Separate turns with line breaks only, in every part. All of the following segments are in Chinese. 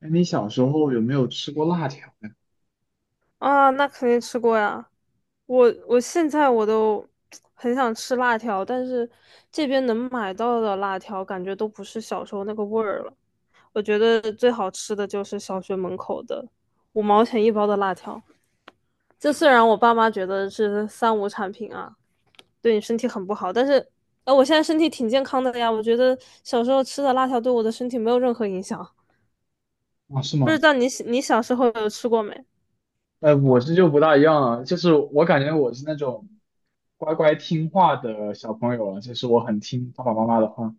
哎，你小时候有没有吃过辣条呀？
啊，那肯定吃过呀。我现在我都很想吃辣条，但是这边能买到的辣条感觉都不是小时候那个味儿了。我觉得最好吃的就是小学门口的5毛钱一包的辣条。这虽然我爸妈觉得是三无产品啊，对你身体很不好，但是我现在身体挺健康的呀。我觉得小时候吃的辣条对我的身体没有任何影响。
啊，是
不知
吗？
道你小时候有吃过没？
我是就不大一样了，就是我感觉我是那种乖乖听话的小朋友了，就是我很听爸爸妈妈的话，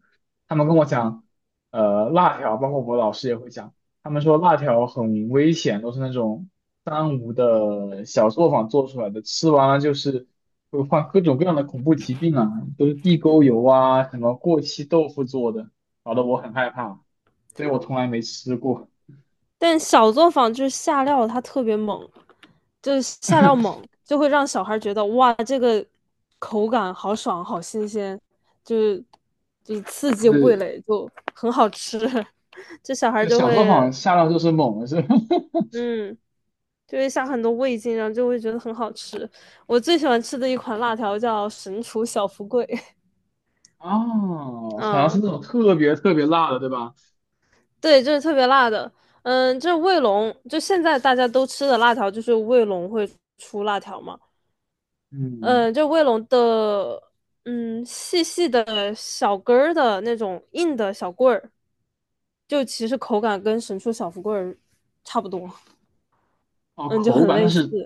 他们跟我讲，辣条，包括我老师也会讲，他们说辣条很危险，都是那种三无的小作坊做出来的，吃完了就是会患各种各样的恐怖疾病啊，都是地沟油啊，什么过期豆腐做的，搞得我很害怕，所以我从来没吃过。
但小作坊就是下料，它特别猛，就是下料猛，就会让小孩觉得哇，这个口感好爽，好新鲜，就是就是刺激
就
味
是
蕾，就很好吃。这小孩
就
就
小作
会，
坊下料就是猛了是吧？
嗯，就会下很多味精，然后就会觉得很好吃。我最喜欢吃的一款辣条叫神厨小福贵，
啊，好像是
嗯，
那种特别特别辣的，对吧？
对，就是特别辣的。嗯，就是卫龙，就现在大家都吃的辣条，就是卫龙会出辣条嘛。
嗯，
就卫龙的，嗯，细细的小根儿的那种硬的小棍儿，就其实口感跟神厨小福棍儿差不多，
哦，
嗯，就
口
很
感，但
类似，
是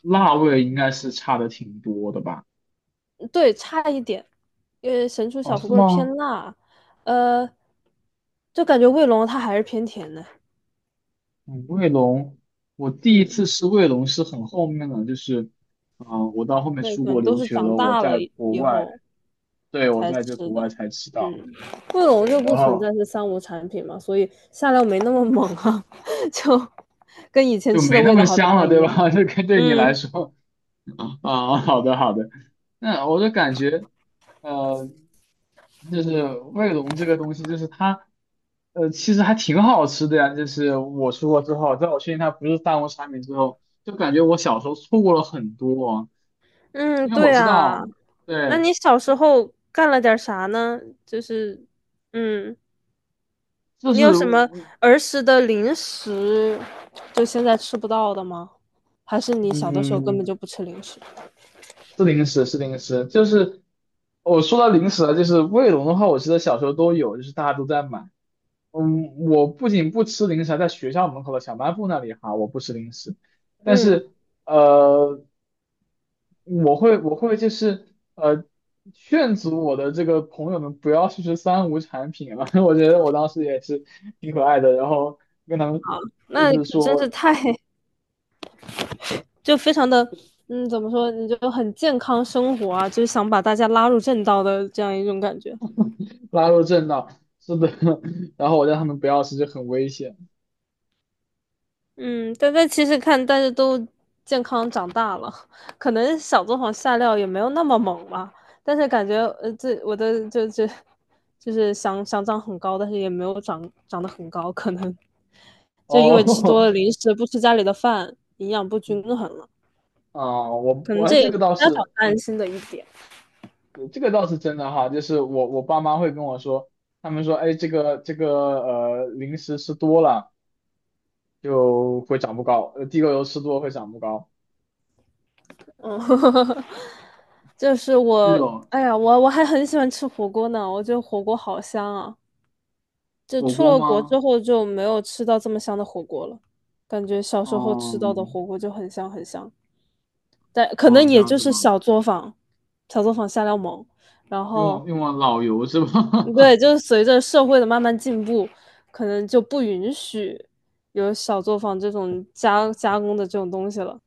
辣味应该是差的挺多的吧？
对，差一点，因为神厨
哦，
小福
是
棍儿偏
吗？
辣，呃，就感觉卫龙它还是偏甜的，
嗯，卫龙，我第一
嗯，
次吃卫龙是很后面了，就是，我到后面
对，
出
可
国
能都
留
是
学
长
了，我
大
在
了以
国
以
外，
后
对，我
才
在这
吃
国外
的，
才吃到，
嗯，卫
对，
龙就
然
不存
后
在是三无产品嘛，所以下料没那么猛啊，就跟以前
就
吃
没
的
那
味
么
道还不
香了，
太一
对
样。
吧？这跟对你来
嗯
说，啊，好的好的，那我就感觉。呃，就是卫龙这个东西，就是它，其实还挺好吃的呀。就是我出国之后，在我确定它不是三无产品之后，就感觉我小时候错过了很多，
嗯，
因为我
对
知
啊。
道，
那
对，
你小时候干了点儿啥呢？就是，嗯，
就
你有
是
什么
我
儿时的零食，就现在吃不到的吗？还是你小的时候根本
嗯，
就不吃零食？
是零食，是零食，就是我说到零食了，就是卫龙的话，我记得小时候都有，就是大家都在买。嗯，我不仅不吃零食，还在学校门口的小卖部那里哈，我不吃零食。但
嗯，
是呃，我会就是呃劝阻我的这个朋友们不要去吃三无产品了，我觉得我当时也是挺可爱的，然后跟他们就
那你
是
可真是
说
太，就非常的，嗯，怎么说，你就很健康生活啊，就是想把大家拉入正道的这样一种感觉。
拉入正道，是的，然后我让他们不要吃就很危险。
嗯，但其实看大家都健康长大了，可能小作坊下料也没有那么猛吧，但是感觉这我的就是想长很高，但是也没有长得很高，可能就因为吃多
哦，
了零食，不吃家里的饭，营养不均衡了，
啊、我
可
我
能
哎
这
这
也
个
是
倒
家长
是
担心的一点。
这个倒是真的哈，就是我爸妈会跟我说，他们说哎这个零食吃多了就会长不高，地沟油吃多会长不高。
嗯，就是
是
我，
有
哎呀，我还很喜欢吃火锅呢，我觉得火锅好香啊。就
火
出
锅
了国
吗？
之后就没有吃到这么香的火锅了，感觉小时候
哦
吃到的火锅就很香很香，但可能
哦，这
也
样
就
子
是
吗？
小作坊，小作坊下料猛，然
用
后
往用往老油是
嗯，对，
吧？
就是随着社会的慢慢进步，可能就不允许有小作坊这种加工的这种东西了，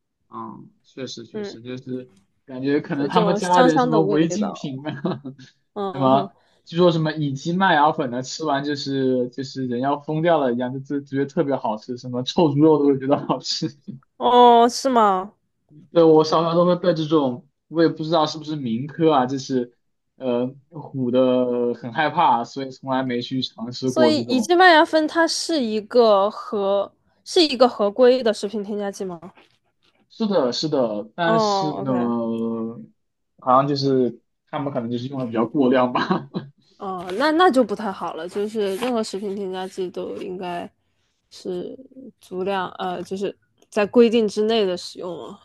嗯，确实确
嗯，
实，就是感觉可
所
能
以
他
这
们
种
加了
香
点什
香
么
的味
违禁
道，
品啊，什
嗯
么
哼，
据说什么乙基麦芽粉呢，吃完就是人要疯掉了一样，就觉得特别好吃，什么臭猪肉都会觉得好吃。
哦，是吗？
对，我小时候都会被这种，我也不知道是不是民科啊，就是唬得很害怕，所以从来没去尝试
所
过
以
这
乙
种。
基麦芽酚它是一个合规的食品添加剂吗？
是的，是的，但是
哦
呢，
，OK,
好像就是他们可能就是用的比较过量吧。
哦，那就不太好了，就是任何食品添加剂都应该是足量，就是在规定之内的使用啊。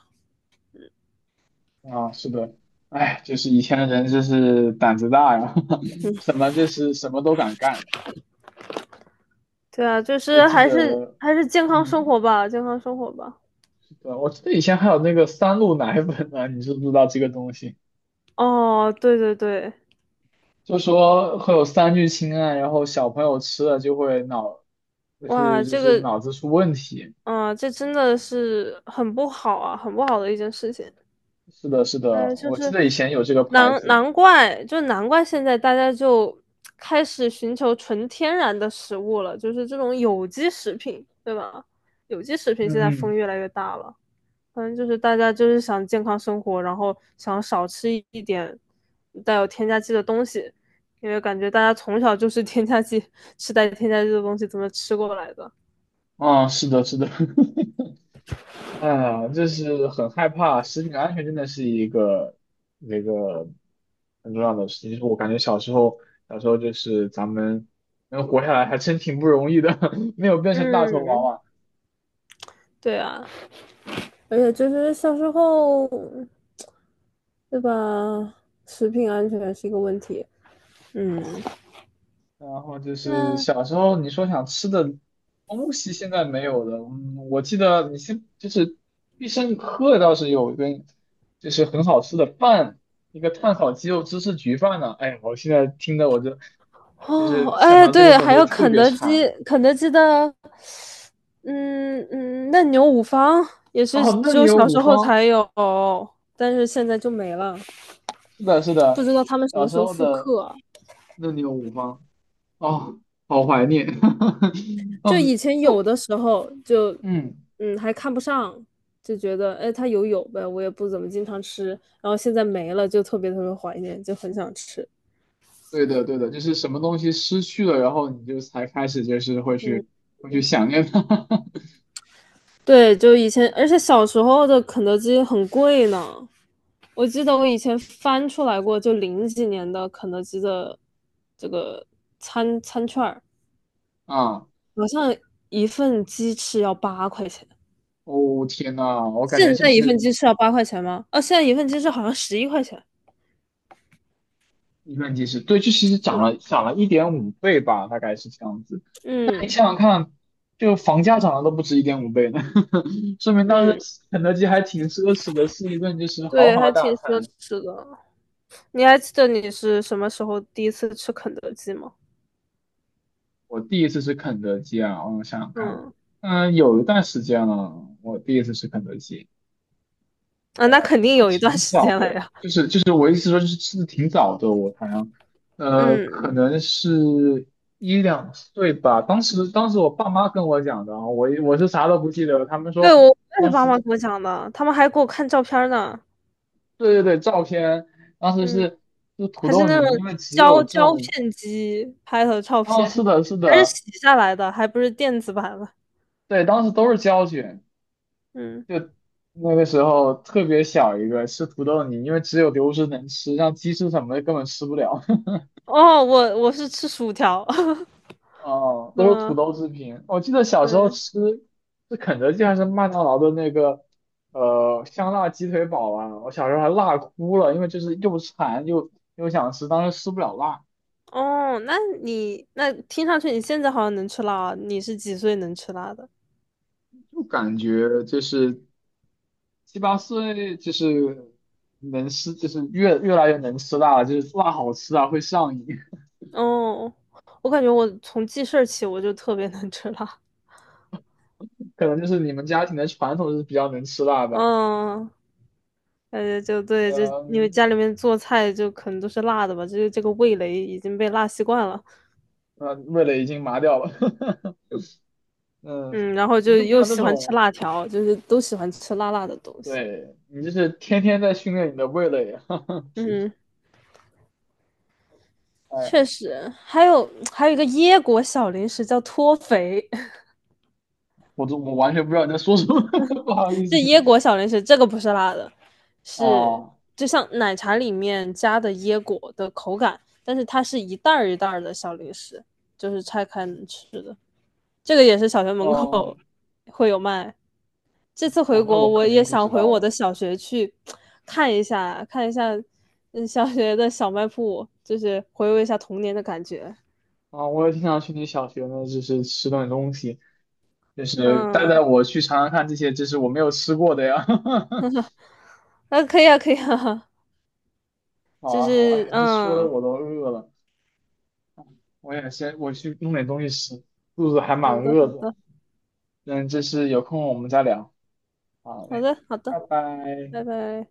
啊，是的，哎，就是以前的人真是胆子大呀，就是什么都敢干。
对啊，就
我
是
记
还是
得，
还是健康生
嗯，
活吧，健康生活吧。
对，我记得以前还有那个三鹿奶粉呢，你知不知道这个东西？
哦，对对对，
就说会有三聚氰胺，然后小朋友吃了就会脑，就
哇，
是就
这
是
个，
脑子出问题。
啊，这真的是很不好啊，很不好的一件事情。
是的，是的，
嗯，就
我记
是
得以前有这个牌
难
子。
难怪，就难怪现在大家就开始寻求纯天然的食物了，就是这种有机食品，对吧？有机食品现
嗯
在
嗯。
风越来越大了，反正就是大家就是想健康生活，然后想少吃一点带有添加剂的东西，因为感觉大家从小就是 添加剂，吃带添加剂的东西怎么吃过来的？
啊，是的，是的，哎呀，就是很害怕，食品安全真的是一个那个很重要的事情。就是我感觉小时候，小时候就是咱们能活下来，还真挺不容易的，没有变成大头娃
嗯，
娃。
对啊，而且就是小时候。对吧？食品安全是一个问题。嗯，
然后就是
那
小时候你说想吃的东西，现在没有了。嗯，我记得你先就是必胜客倒是有一根，就是很好吃的饭，一个炭烤鸡肉芝士焗饭呢、哎呀我现在听的我就就
哦，
是想
哎，
到这个
对，
我
还
就
有
特
肯
别
德基，
馋。
肯德基的，嗯嗯，嫩牛五方也是
哦，嫩
只有
牛
小
五
时候
方，
才有，但是现在就没了，
是的，是
不
的，
知道他们什
小
么
时
时候
候
复
的
刻。
嫩牛五方，啊，好怀念。
就
嗯，
以前有的时候就，
嗯。
嗯，还看不上，就觉得哎，它有呗，我也不怎么经常吃，然后现在没了，就特别特别怀念，就很想吃。
对的，对的，就是什么东西失去了，然后你就才开始就是会
嗯。
去会去想念它。
对，就以前，而且小时候的肯德基很贵呢。我记得我以前翻出来过，就零几年的肯德基的这个餐券儿，
啊！
好像一份鸡翅要八块钱。
哦天呐，我感觉
现
就
在一份
是
鸡翅要八块钱吗？哦，现在一份鸡翅好像11块钱，
一顿机是对，就其实
是
涨
吗？
了涨了一点五倍吧，大概是这样子。那你
嗯
想想看，就房价涨了都不止一点五倍呢，说明当时
嗯，
肯德基还挺奢侈的，是一顿就是豪
对，
华
还挺
大
奢
餐。
侈的。你还记得你是什么时候第一次吃肯德基吗？
我第一次吃肯德基啊，我想想看，
嗯，
嗯，有一段时间了，我第一次吃肯德基。
啊，那
呃
肯定有一段时间了呀。
就是我意思说，就是吃的挺早的，我好像，可
嗯。
能是一两岁吧。当时我爸妈跟我讲的啊，我是啥都不记得了。他们说
对，我也是
当
爸
时
妈给我讲的，他们还给我看照片儿呢，
对对对，照片当时
嗯，
是就土
还是
豆
那种
泥，因为只有
胶
这
胶
种，
片机拍的照
哦，
片，
是的是
还是
的，
洗下来的，还不是电子版的，
对，当时都是胶卷，
嗯，
就那个时候特别小一个吃土豆泥，因为只有流食能吃，像鸡翅什么的根本吃不了。
哦，我是吃薯条，
哦，都是土
嗯，
豆制品。我记得小时候
对，
吃是肯德基还是麦当劳的那个香辣鸡腿堡啊，我小时候还辣哭了，因为就是又馋又想吃，当时吃不了辣，
哦，那你那听上去你现在好像能吃辣啊，你是几岁能吃辣的？
就感觉就是七八岁就是能吃，就是越来越能吃辣了，就是辣好吃啊，会上瘾。
哦，我感觉我从记事儿起我就特别能吃辣，
可能就是你们家庭的传统是比较能吃辣吧。
嗯。就对，就因为家
嗯
里面做菜就可能都是辣的吧，就是这个味蕾已经被辣习惯了。
呃，味蕾已经麻掉了。嗯，
嗯，然后
你
就
就没
又
有那
喜欢吃
种。
辣条，就是都喜欢吃辣辣的东西。
对，你这是天天在训练你的味蕾。
嗯，
哎，
确实，还有一个椰果小零食叫脱肥，
我完全不知道你在说什么，不好意
这
思。
椰果小零食这个不是辣的，是
哦
就像奶茶里面加的椰果的口感，但是它是一袋儿一袋儿的小零食，就是拆开能吃的。这个也是小学门口
哦
会有卖。这次回
哦，那
国，
我
我
肯
也
定不
想
知
回
道
我
了
的小学去看一下，看一下小学的小卖部，就是回味一下童年的感觉。
啊。我也经常去你小学呢，就是吃顿东西，就是带带
嗯，
我去尝尝看这些，这是我没有吃过的呀。
那啊可以啊，可以啊，
好
就
啊好啊，哎
是
呀，这说的
嗯，
我都饿了，我也先我去弄点东西吃，肚子还
好
蛮
的，好
饿的。
的，
嗯，这是有空我们再聊。好
好
嘞，
的，好的，
拜拜。
拜拜。